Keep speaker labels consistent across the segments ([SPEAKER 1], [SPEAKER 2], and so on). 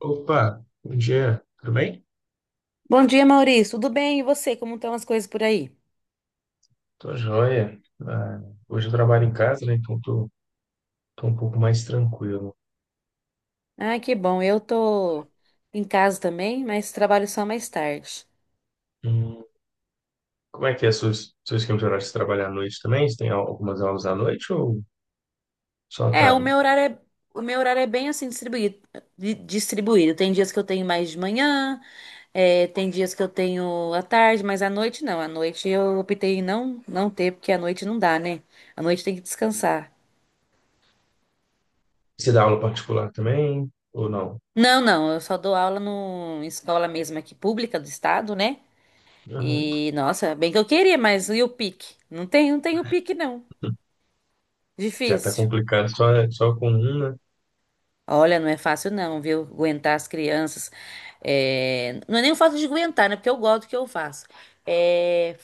[SPEAKER 1] Opa, bom dia, tudo bem?
[SPEAKER 2] Bom dia, Maurício. Tudo bem? E você? Como estão as coisas por aí?
[SPEAKER 1] Tô joia. Ah, hoje eu trabalho em casa, né? Então tô um pouco mais tranquilo.
[SPEAKER 2] Ah, que bom. Eu tô em casa também, mas trabalho só mais tarde.
[SPEAKER 1] Hum, como é que é seu esquema de horário? Você trabalha à noite também? Você tem algumas aulas à noite ou só à
[SPEAKER 2] É,
[SPEAKER 1] tarde?
[SPEAKER 2] o meu horário é bem assim distribuído, distribuído. Tem dias que eu tenho mais de manhã, tem dias que eu tenho à tarde, mas à noite não. À noite eu optei em não ter, porque à noite não dá, né? À noite tem que descansar.
[SPEAKER 1] Você dá aula particular também ou não?
[SPEAKER 2] Não, não, eu só dou aula no em escola mesmo aqui pública do estado, né?
[SPEAKER 1] Uhum.
[SPEAKER 2] E, nossa, bem que eu queria, mas e o pique? Não tem o pique, não.
[SPEAKER 1] Já tá
[SPEAKER 2] Difícil.
[SPEAKER 1] complicado só com um, né?
[SPEAKER 2] Olha, não é fácil, não, viu? Aguentar as crianças. É, não é nem o fato de aguentar, né? Porque eu gosto do que eu faço. É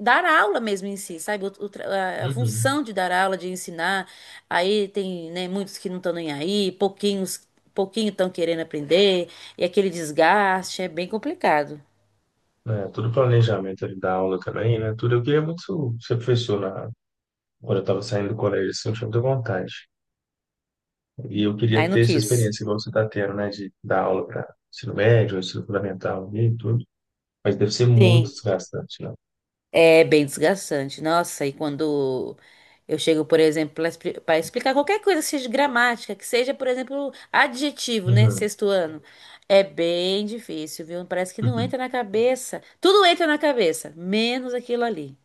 [SPEAKER 2] dar aula mesmo em si, sabe? O tra- a
[SPEAKER 1] Uhum.
[SPEAKER 2] função de dar aula, de ensinar. Aí tem, né, muitos que não estão nem aí, pouquinho estão querendo aprender, e aquele desgaste é bem complicado.
[SPEAKER 1] É, tudo planejamento ali da aula também, né? Tudo. Eu queria muito ser professor quando eu tava saindo do colégio, assim, eu tinha muita vontade. E eu
[SPEAKER 2] Aí
[SPEAKER 1] queria
[SPEAKER 2] não
[SPEAKER 1] ter essa
[SPEAKER 2] quis.
[SPEAKER 1] experiência igual você está tendo, né? De dar aula para ensino médio, ensino fundamental e tudo. Mas deve ser muito
[SPEAKER 2] Sim.
[SPEAKER 1] desgastante, né?
[SPEAKER 2] É bem desgastante. Nossa, e quando eu chego, por exemplo, para explicar qualquer coisa, seja de gramática, que seja, por exemplo, adjetivo, né?
[SPEAKER 1] Uhum.
[SPEAKER 2] Sexto ano. É bem difícil, viu? Parece que não
[SPEAKER 1] Uhum.
[SPEAKER 2] entra na cabeça. Tudo entra na cabeça, menos aquilo ali.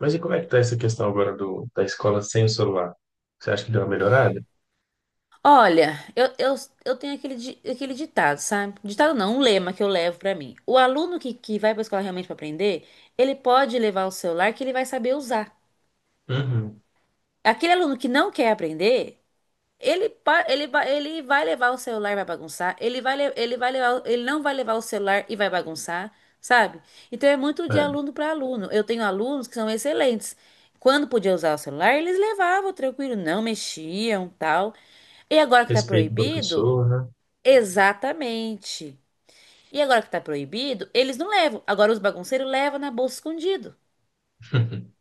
[SPEAKER 1] Mas e como é que tá essa questão agora da escola sem o celular? Você acha que deu uma melhorada?
[SPEAKER 2] Olha, eu tenho aquele, aquele ditado, sabe? Ditado não, um lema que eu levo pra mim. O aluno que vai pra escola realmente pra aprender, ele pode levar o celular que ele vai saber usar.
[SPEAKER 1] Uhum.
[SPEAKER 2] Aquele aluno que não quer aprender. Ele, pa- ele, ba- Ele vai levar o celular e vai bagunçar. Ele não vai levar o celular e vai bagunçar, sabe? Então é muito de
[SPEAKER 1] É.
[SPEAKER 2] aluno para aluno. Eu tenho alunos que são excelentes. Quando podia usar o celular, eles levavam tranquilo, não mexiam, tal. E agora que tá
[SPEAKER 1] Respeito o
[SPEAKER 2] proibido,
[SPEAKER 1] professor, né?
[SPEAKER 2] exatamente. E agora que tá proibido, eles não levam. Agora os bagunceiros levam na bolsa escondido.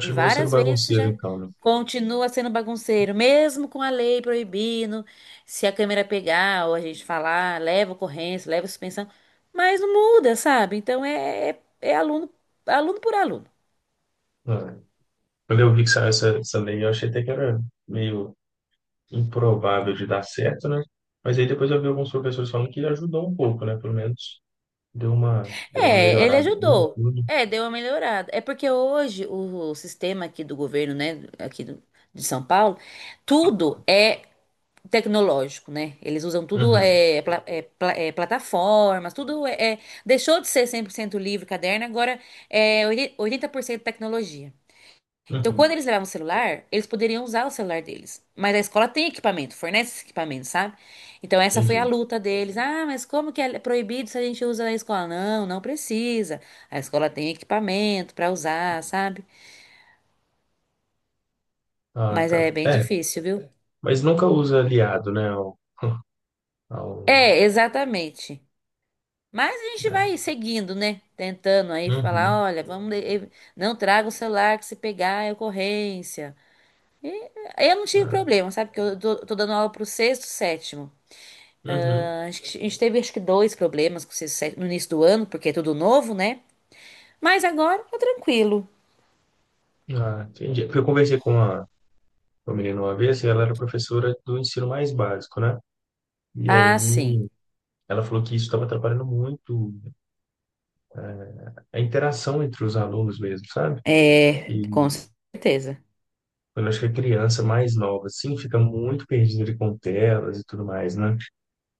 [SPEAKER 2] E
[SPEAKER 1] sendo
[SPEAKER 2] várias vezes
[SPEAKER 1] bagunceiro,
[SPEAKER 2] já
[SPEAKER 1] então, né?
[SPEAKER 2] continua sendo bagunceiro, mesmo com a lei proibindo, se a câmera pegar ou a gente falar, leva ocorrência, leva suspensão, mas não muda, sabe? Então é aluno por aluno.
[SPEAKER 1] É. Quando eu vi que saiu essa lei, eu achei até que era meio improvável de dar certo, né? Mas aí depois eu vi alguns professores falando que ajudou um pouco, né? Pelo menos deu uma
[SPEAKER 2] É, ele
[SPEAKER 1] melhorada ali em
[SPEAKER 2] ajudou.
[SPEAKER 1] tudo.
[SPEAKER 2] É, deu uma melhorada. É porque hoje o sistema aqui do governo, né, de São Paulo, tudo é tecnológico, né? Eles usam tudo,
[SPEAKER 1] Uhum,
[SPEAKER 2] plataformas, deixou de ser 100% livre, caderno, agora é oitenta por cento tecnologia. Então, quando
[SPEAKER 1] uhum,
[SPEAKER 2] eles levavam o celular, eles poderiam usar o celular deles. Mas a escola tem equipamento, fornece esse equipamento, sabe? Então, essa foi a
[SPEAKER 1] entendi.
[SPEAKER 2] luta deles. Ah, mas como que é proibido se a gente usa na escola? Não, não precisa. A escola tem equipamento para usar, sabe?
[SPEAKER 1] Ah,
[SPEAKER 2] Mas é
[SPEAKER 1] tá.
[SPEAKER 2] bem
[SPEAKER 1] É,
[SPEAKER 2] difícil, viu?
[SPEAKER 1] mas nunca usa aliado, né? Ao, ao,
[SPEAKER 2] É, exatamente. Mas a gente
[SPEAKER 1] né?
[SPEAKER 2] vai seguindo, né? Tentando aí falar,
[SPEAKER 1] Uhum,
[SPEAKER 2] olha, vamos, não traga o celular que se pegar é ocorrência. Eu não tive
[SPEAKER 1] ah,
[SPEAKER 2] problema, sabe? Porque eu tô dando aula pro sexto, sétimo.
[SPEAKER 1] uhum.
[SPEAKER 2] Ah, acho que a gente teve acho que dois problemas com o sexto, sétimo no início do ano, porque é tudo novo, né? Mas agora tá tranquilo.
[SPEAKER 1] Ah, entendi. Porque eu conversei com uma menina uma vez e ela era professora do ensino mais básico, né? E
[SPEAKER 2] Ah,
[SPEAKER 1] aí
[SPEAKER 2] sim.
[SPEAKER 1] ela falou que isso estava atrapalhando muito a interação entre os alunos mesmo, sabe?
[SPEAKER 2] É,
[SPEAKER 1] E
[SPEAKER 2] com certeza.
[SPEAKER 1] eu acho que a criança mais nova, assim, fica muito perdida ali com telas e tudo mais, né?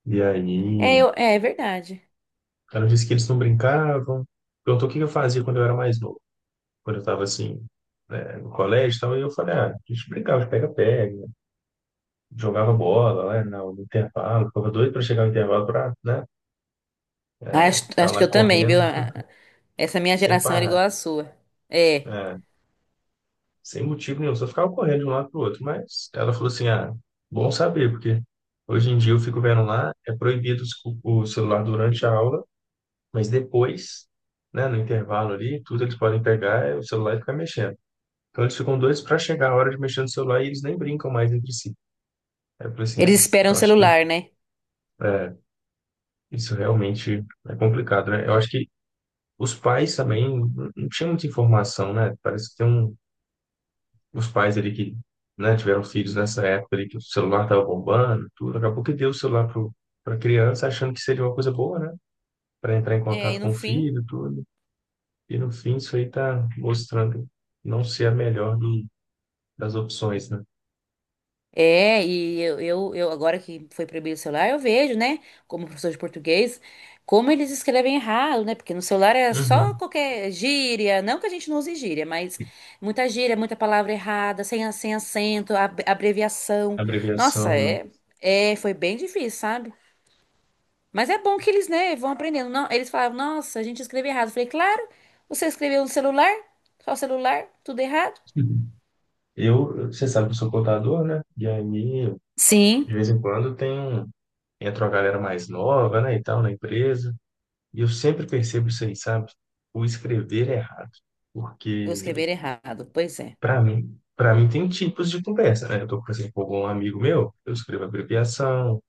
[SPEAKER 1] E aí,
[SPEAKER 2] É, verdade.
[SPEAKER 1] ela disse que eles não brincavam. Perguntou o que que eu fazia quando eu era mais novo, quando eu estava assim, né, no colégio e tal. E eu falei, ah, a gente brincava de pega-pega, jogava bola lá no intervalo, ficava doido para chegar no intervalo para, né, ficar
[SPEAKER 2] Acho
[SPEAKER 1] lá
[SPEAKER 2] que eu também,
[SPEAKER 1] correndo
[SPEAKER 2] viu? Ah, essa minha
[SPEAKER 1] sem
[SPEAKER 2] geração era
[SPEAKER 1] parar,
[SPEAKER 2] igual à sua. É.
[SPEAKER 1] né, sem motivo nenhum, só ficava correndo de um lado para o outro. Mas ela falou assim, ah, bom saber, porque hoje em dia eu fico vendo lá, é proibido o celular durante a aula, mas depois. Né, no intervalo ali, tudo eles podem pegar é o celular e ficar mexendo. Então eles ficam doidos para chegar a hora de mexer no celular e eles nem brincam mais entre si. Aí eu falei assim,
[SPEAKER 2] Eles
[SPEAKER 1] é,
[SPEAKER 2] esperam o
[SPEAKER 1] eu acho que
[SPEAKER 2] celular, né?
[SPEAKER 1] é, isso realmente é complicado, né? Eu acho que os pais também não tinham muita informação, né? Parece que tem os pais ali que, né, tiveram filhos nessa época ali que o celular estava bombando, tudo. Acabou que deu o celular pra criança achando que seria uma coisa boa, né? Para entrar em
[SPEAKER 2] É, e
[SPEAKER 1] contato
[SPEAKER 2] no
[SPEAKER 1] com o
[SPEAKER 2] fim.
[SPEAKER 1] filho, tudo. E no fim isso aí tá mostrando não ser a melhor das opções, né?
[SPEAKER 2] É, e agora que foi proibido o celular, eu vejo, né, como professor de português, como eles escrevem errado, né? Porque no celular é só
[SPEAKER 1] Uhum.
[SPEAKER 2] qualquer gíria, não que a gente não use gíria, mas muita gíria, muita palavra errada, sem acento, abreviação. Nossa,
[SPEAKER 1] Abreviação,
[SPEAKER 2] foi bem difícil, sabe? Mas é bom que eles, né, vão aprendendo. Não, eles falavam, nossa, a gente escreveu errado. Eu falei, claro, você escreveu no celular, só celular, tudo errado.
[SPEAKER 1] né? Você sabe que eu sou contador, né? E aí,
[SPEAKER 2] Sim,
[SPEAKER 1] de vez em quando, entra uma galera mais nova, né, e tal, na empresa. E eu sempre percebo isso aí, sabe? O escrever é errado.
[SPEAKER 2] eu
[SPEAKER 1] Porque,
[SPEAKER 2] escrever errado, pois é.
[SPEAKER 1] para mim tem tipos de conversa, né? Eu tô conversando com algum amigo meu, eu escrevo abreviação,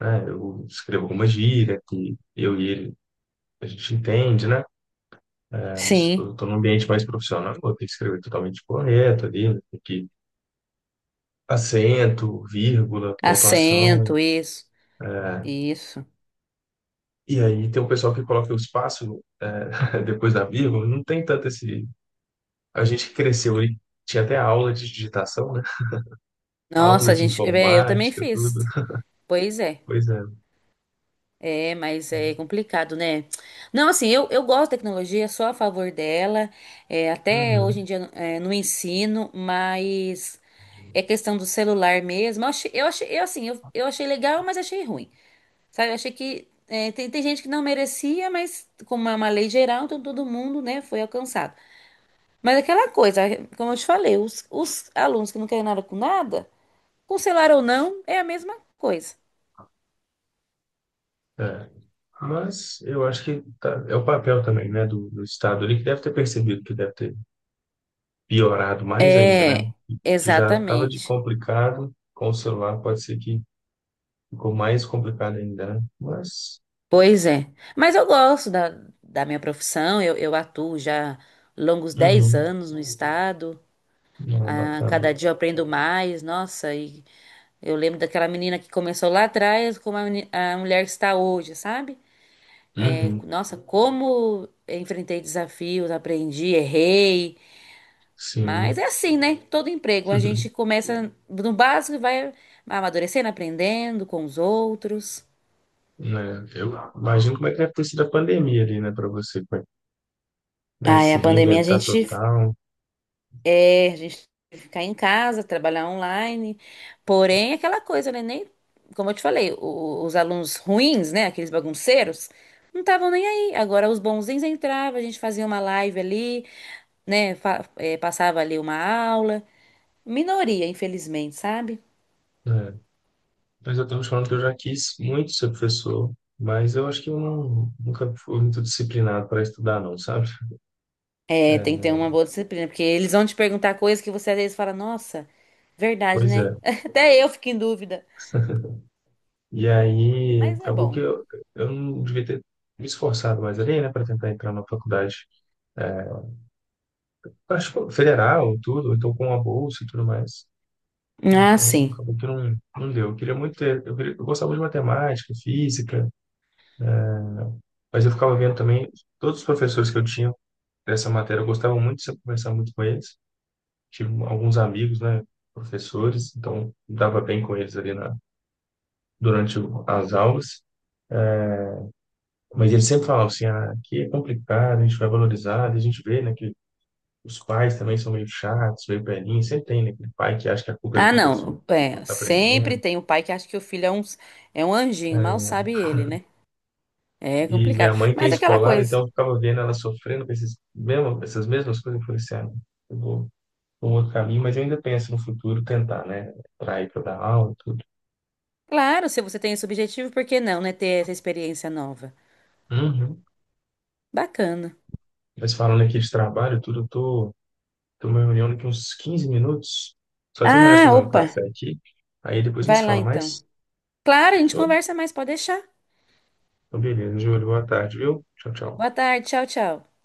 [SPEAKER 1] né? Eu escrevo alguma gíria que eu e ele, a gente entende, né? É, mas
[SPEAKER 2] Sim.
[SPEAKER 1] eu tô num ambiente mais profissional, eu tenho que escrever totalmente correto ali, né? Tem que acento, vírgula, pontuação,
[SPEAKER 2] Assento, isso.
[SPEAKER 1] né?
[SPEAKER 2] Isso.
[SPEAKER 1] E aí tem um pessoal que coloca o espaço depois da vírgula, não tem tanto esse. A gente cresceu aí, tinha até aula de digitação, né? Aula
[SPEAKER 2] Nossa, a
[SPEAKER 1] de
[SPEAKER 2] gente. Eu também
[SPEAKER 1] informática,
[SPEAKER 2] fiz.
[SPEAKER 1] tudo.
[SPEAKER 2] Pois é.
[SPEAKER 1] Pois é.
[SPEAKER 2] É, mas é complicado, né? Não, assim, eu gosto da tecnologia, sou a favor dela. Até hoje em
[SPEAKER 1] Uhum.
[SPEAKER 2] dia no ensino, mas é questão do celular mesmo. Eu achei legal, mas achei ruim. Sabe? Eu achei que tem gente que não merecia, mas como é uma lei geral, então todo mundo, né, foi alcançado. Mas aquela coisa, como eu te falei, os alunos que não querem nada com nada. Cancelar ou não é a mesma coisa.
[SPEAKER 1] É. Mas eu acho que é o papel também, né, do Estado ali, que deve ter percebido que deve ter piorado mais ainda, né?
[SPEAKER 2] É,
[SPEAKER 1] Que já estava de
[SPEAKER 2] exatamente.
[SPEAKER 1] complicado com o celular, pode ser que ficou mais complicado ainda, né? Mas,
[SPEAKER 2] Pois é. Mas eu gosto da minha profissão, eu atuo já longos dez
[SPEAKER 1] uhum,
[SPEAKER 2] anos no estado.
[SPEAKER 1] não,
[SPEAKER 2] Ah,
[SPEAKER 1] bacana.
[SPEAKER 2] cada dia eu aprendo mais, nossa, e eu lembro daquela menina que começou lá atrás, como a mulher que está hoje, sabe? É,
[SPEAKER 1] Uhum,
[SPEAKER 2] nossa, como eu enfrentei desafios, aprendi, errei. Mas
[SPEAKER 1] sim.
[SPEAKER 2] é assim, né? Todo emprego, a gente começa no básico e vai amadurecendo, aprendendo com os outros.
[SPEAKER 1] né? Eu imagino como é que deve ter sido a pandemia ali, né, para você, como é que, né,
[SPEAKER 2] Ah, é, a
[SPEAKER 1] se
[SPEAKER 2] pandemia
[SPEAKER 1] reinventar total,
[SPEAKER 2] a gente teve que ficar em casa, trabalhar online. Porém, aquela coisa, né? Nem, como eu te falei, os alunos ruins, né? Aqueles bagunceiros, não estavam nem aí. Agora, os bonzinhos entravam, a gente fazia uma live ali, né? Passava ali uma aula. Minoria, infelizmente, sabe?
[SPEAKER 1] né? Mas eu tenho falando que eu já quis muito ser professor, mas eu acho que eu nunca fui muito disciplinado para estudar, não, sabe?
[SPEAKER 2] É, tem que ter
[SPEAKER 1] É,
[SPEAKER 2] uma boa disciplina, porque eles vão te perguntar coisas que você às vezes fala, nossa, verdade,
[SPEAKER 1] pois é.
[SPEAKER 2] né? Até eu fico em dúvida,
[SPEAKER 1] E aí,
[SPEAKER 2] mas é
[SPEAKER 1] acabou que
[SPEAKER 2] bom.
[SPEAKER 1] eu não devia ter me esforçado mais ali, né, para tentar entrar na faculdade, acho que federal, tudo, então com a bolsa e tudo mais.
[SPEAKER 2] Ah,
[SPEAKER 1] Então,
[SPEAKER 2] sim.
[SPEAKER 1] acabou que não, não deu. Eu queria muito ter, eu gostava de matemática, física. Mas eu ficava vendo também, todos os professores que eu tinha dessa matéria, eu gostava muito de conversar muito com eles. Tive alguns amigos, né, professores, então me dava bem com eles ali durante as aulas. Mas eles sempre falavam assim, ah, aqui é complicado, a gente vai valorizar, e a gente vê, né, que os pais também são meio chatos, meio velhinhos, sempre tem, né, aquele pai que acha que a culpa é do
[SPEAKER 2] Ah,
[SPEAKER 1] professor,
[SPEAKER 2] não.
[SPEAKER 1] que não
[SPEAKER 2] É,
[SPEAKER 1] está
[SPEAKER 2] sempre
[SPEAKER 1] aprendendo.
[SPEAKER 2] tem o pai que acha que o filho é um anjinho, mal
[SPEAKER 1] É.
[SPEAKER 2] sabe ele, né? É
[SPEAKER 1] E minha
[SPEAKER 2] complicado.
[SPEAKER 1] mãe tem
[SPEAKER 2] Mas aquela
[SPEAKER 1] escolar, então
[SPEAKER 2] coisa,
[SPEAKER 1] eu ficava vendo ela sofrendo com essas mesmas coisas. Eu falei assim, ah, não, eu vou um outro caminho, mas eu ainda penso no futuro tentar, né? Para ir para dar aula e tudo.
[SPEAKER 2] claro, se você tem esse objetivo, por que não, né? Ter essa experiência nova.
[SPEAKER 1] Uhum.
[SPEAKER 2] Bacana.
[SPEAKER 1] Mas falando aqui de trabalho, e tudo, eu tô numa reunião daqui uns 15 minutos. Só terminar de
[SPEAKER 2] Ah,
[SPEAKER 1] tomar um
[SPEAKER 2] opa,
[SPEAKER 1] café aqui. Aí depois a gente
[SPEAKER 2] vai
[SPEAKER 1] se
[SPEAKER 2] lá
[SPEAKER 1] fala
[SPEAKER 2] então.
[SPEAKER 1] mais.
[SPEAKER 2] Claro, a gente
[SPEAKER 1] Fechou?
[SPEAKER 2] conversa mais, pode deixar.
[SPEAKER 1] Então, beleza, Júlio. Boa tarde, viu? Tchau, tchau.
[SPEAKER 2] Boa tarde, tchau, tchau.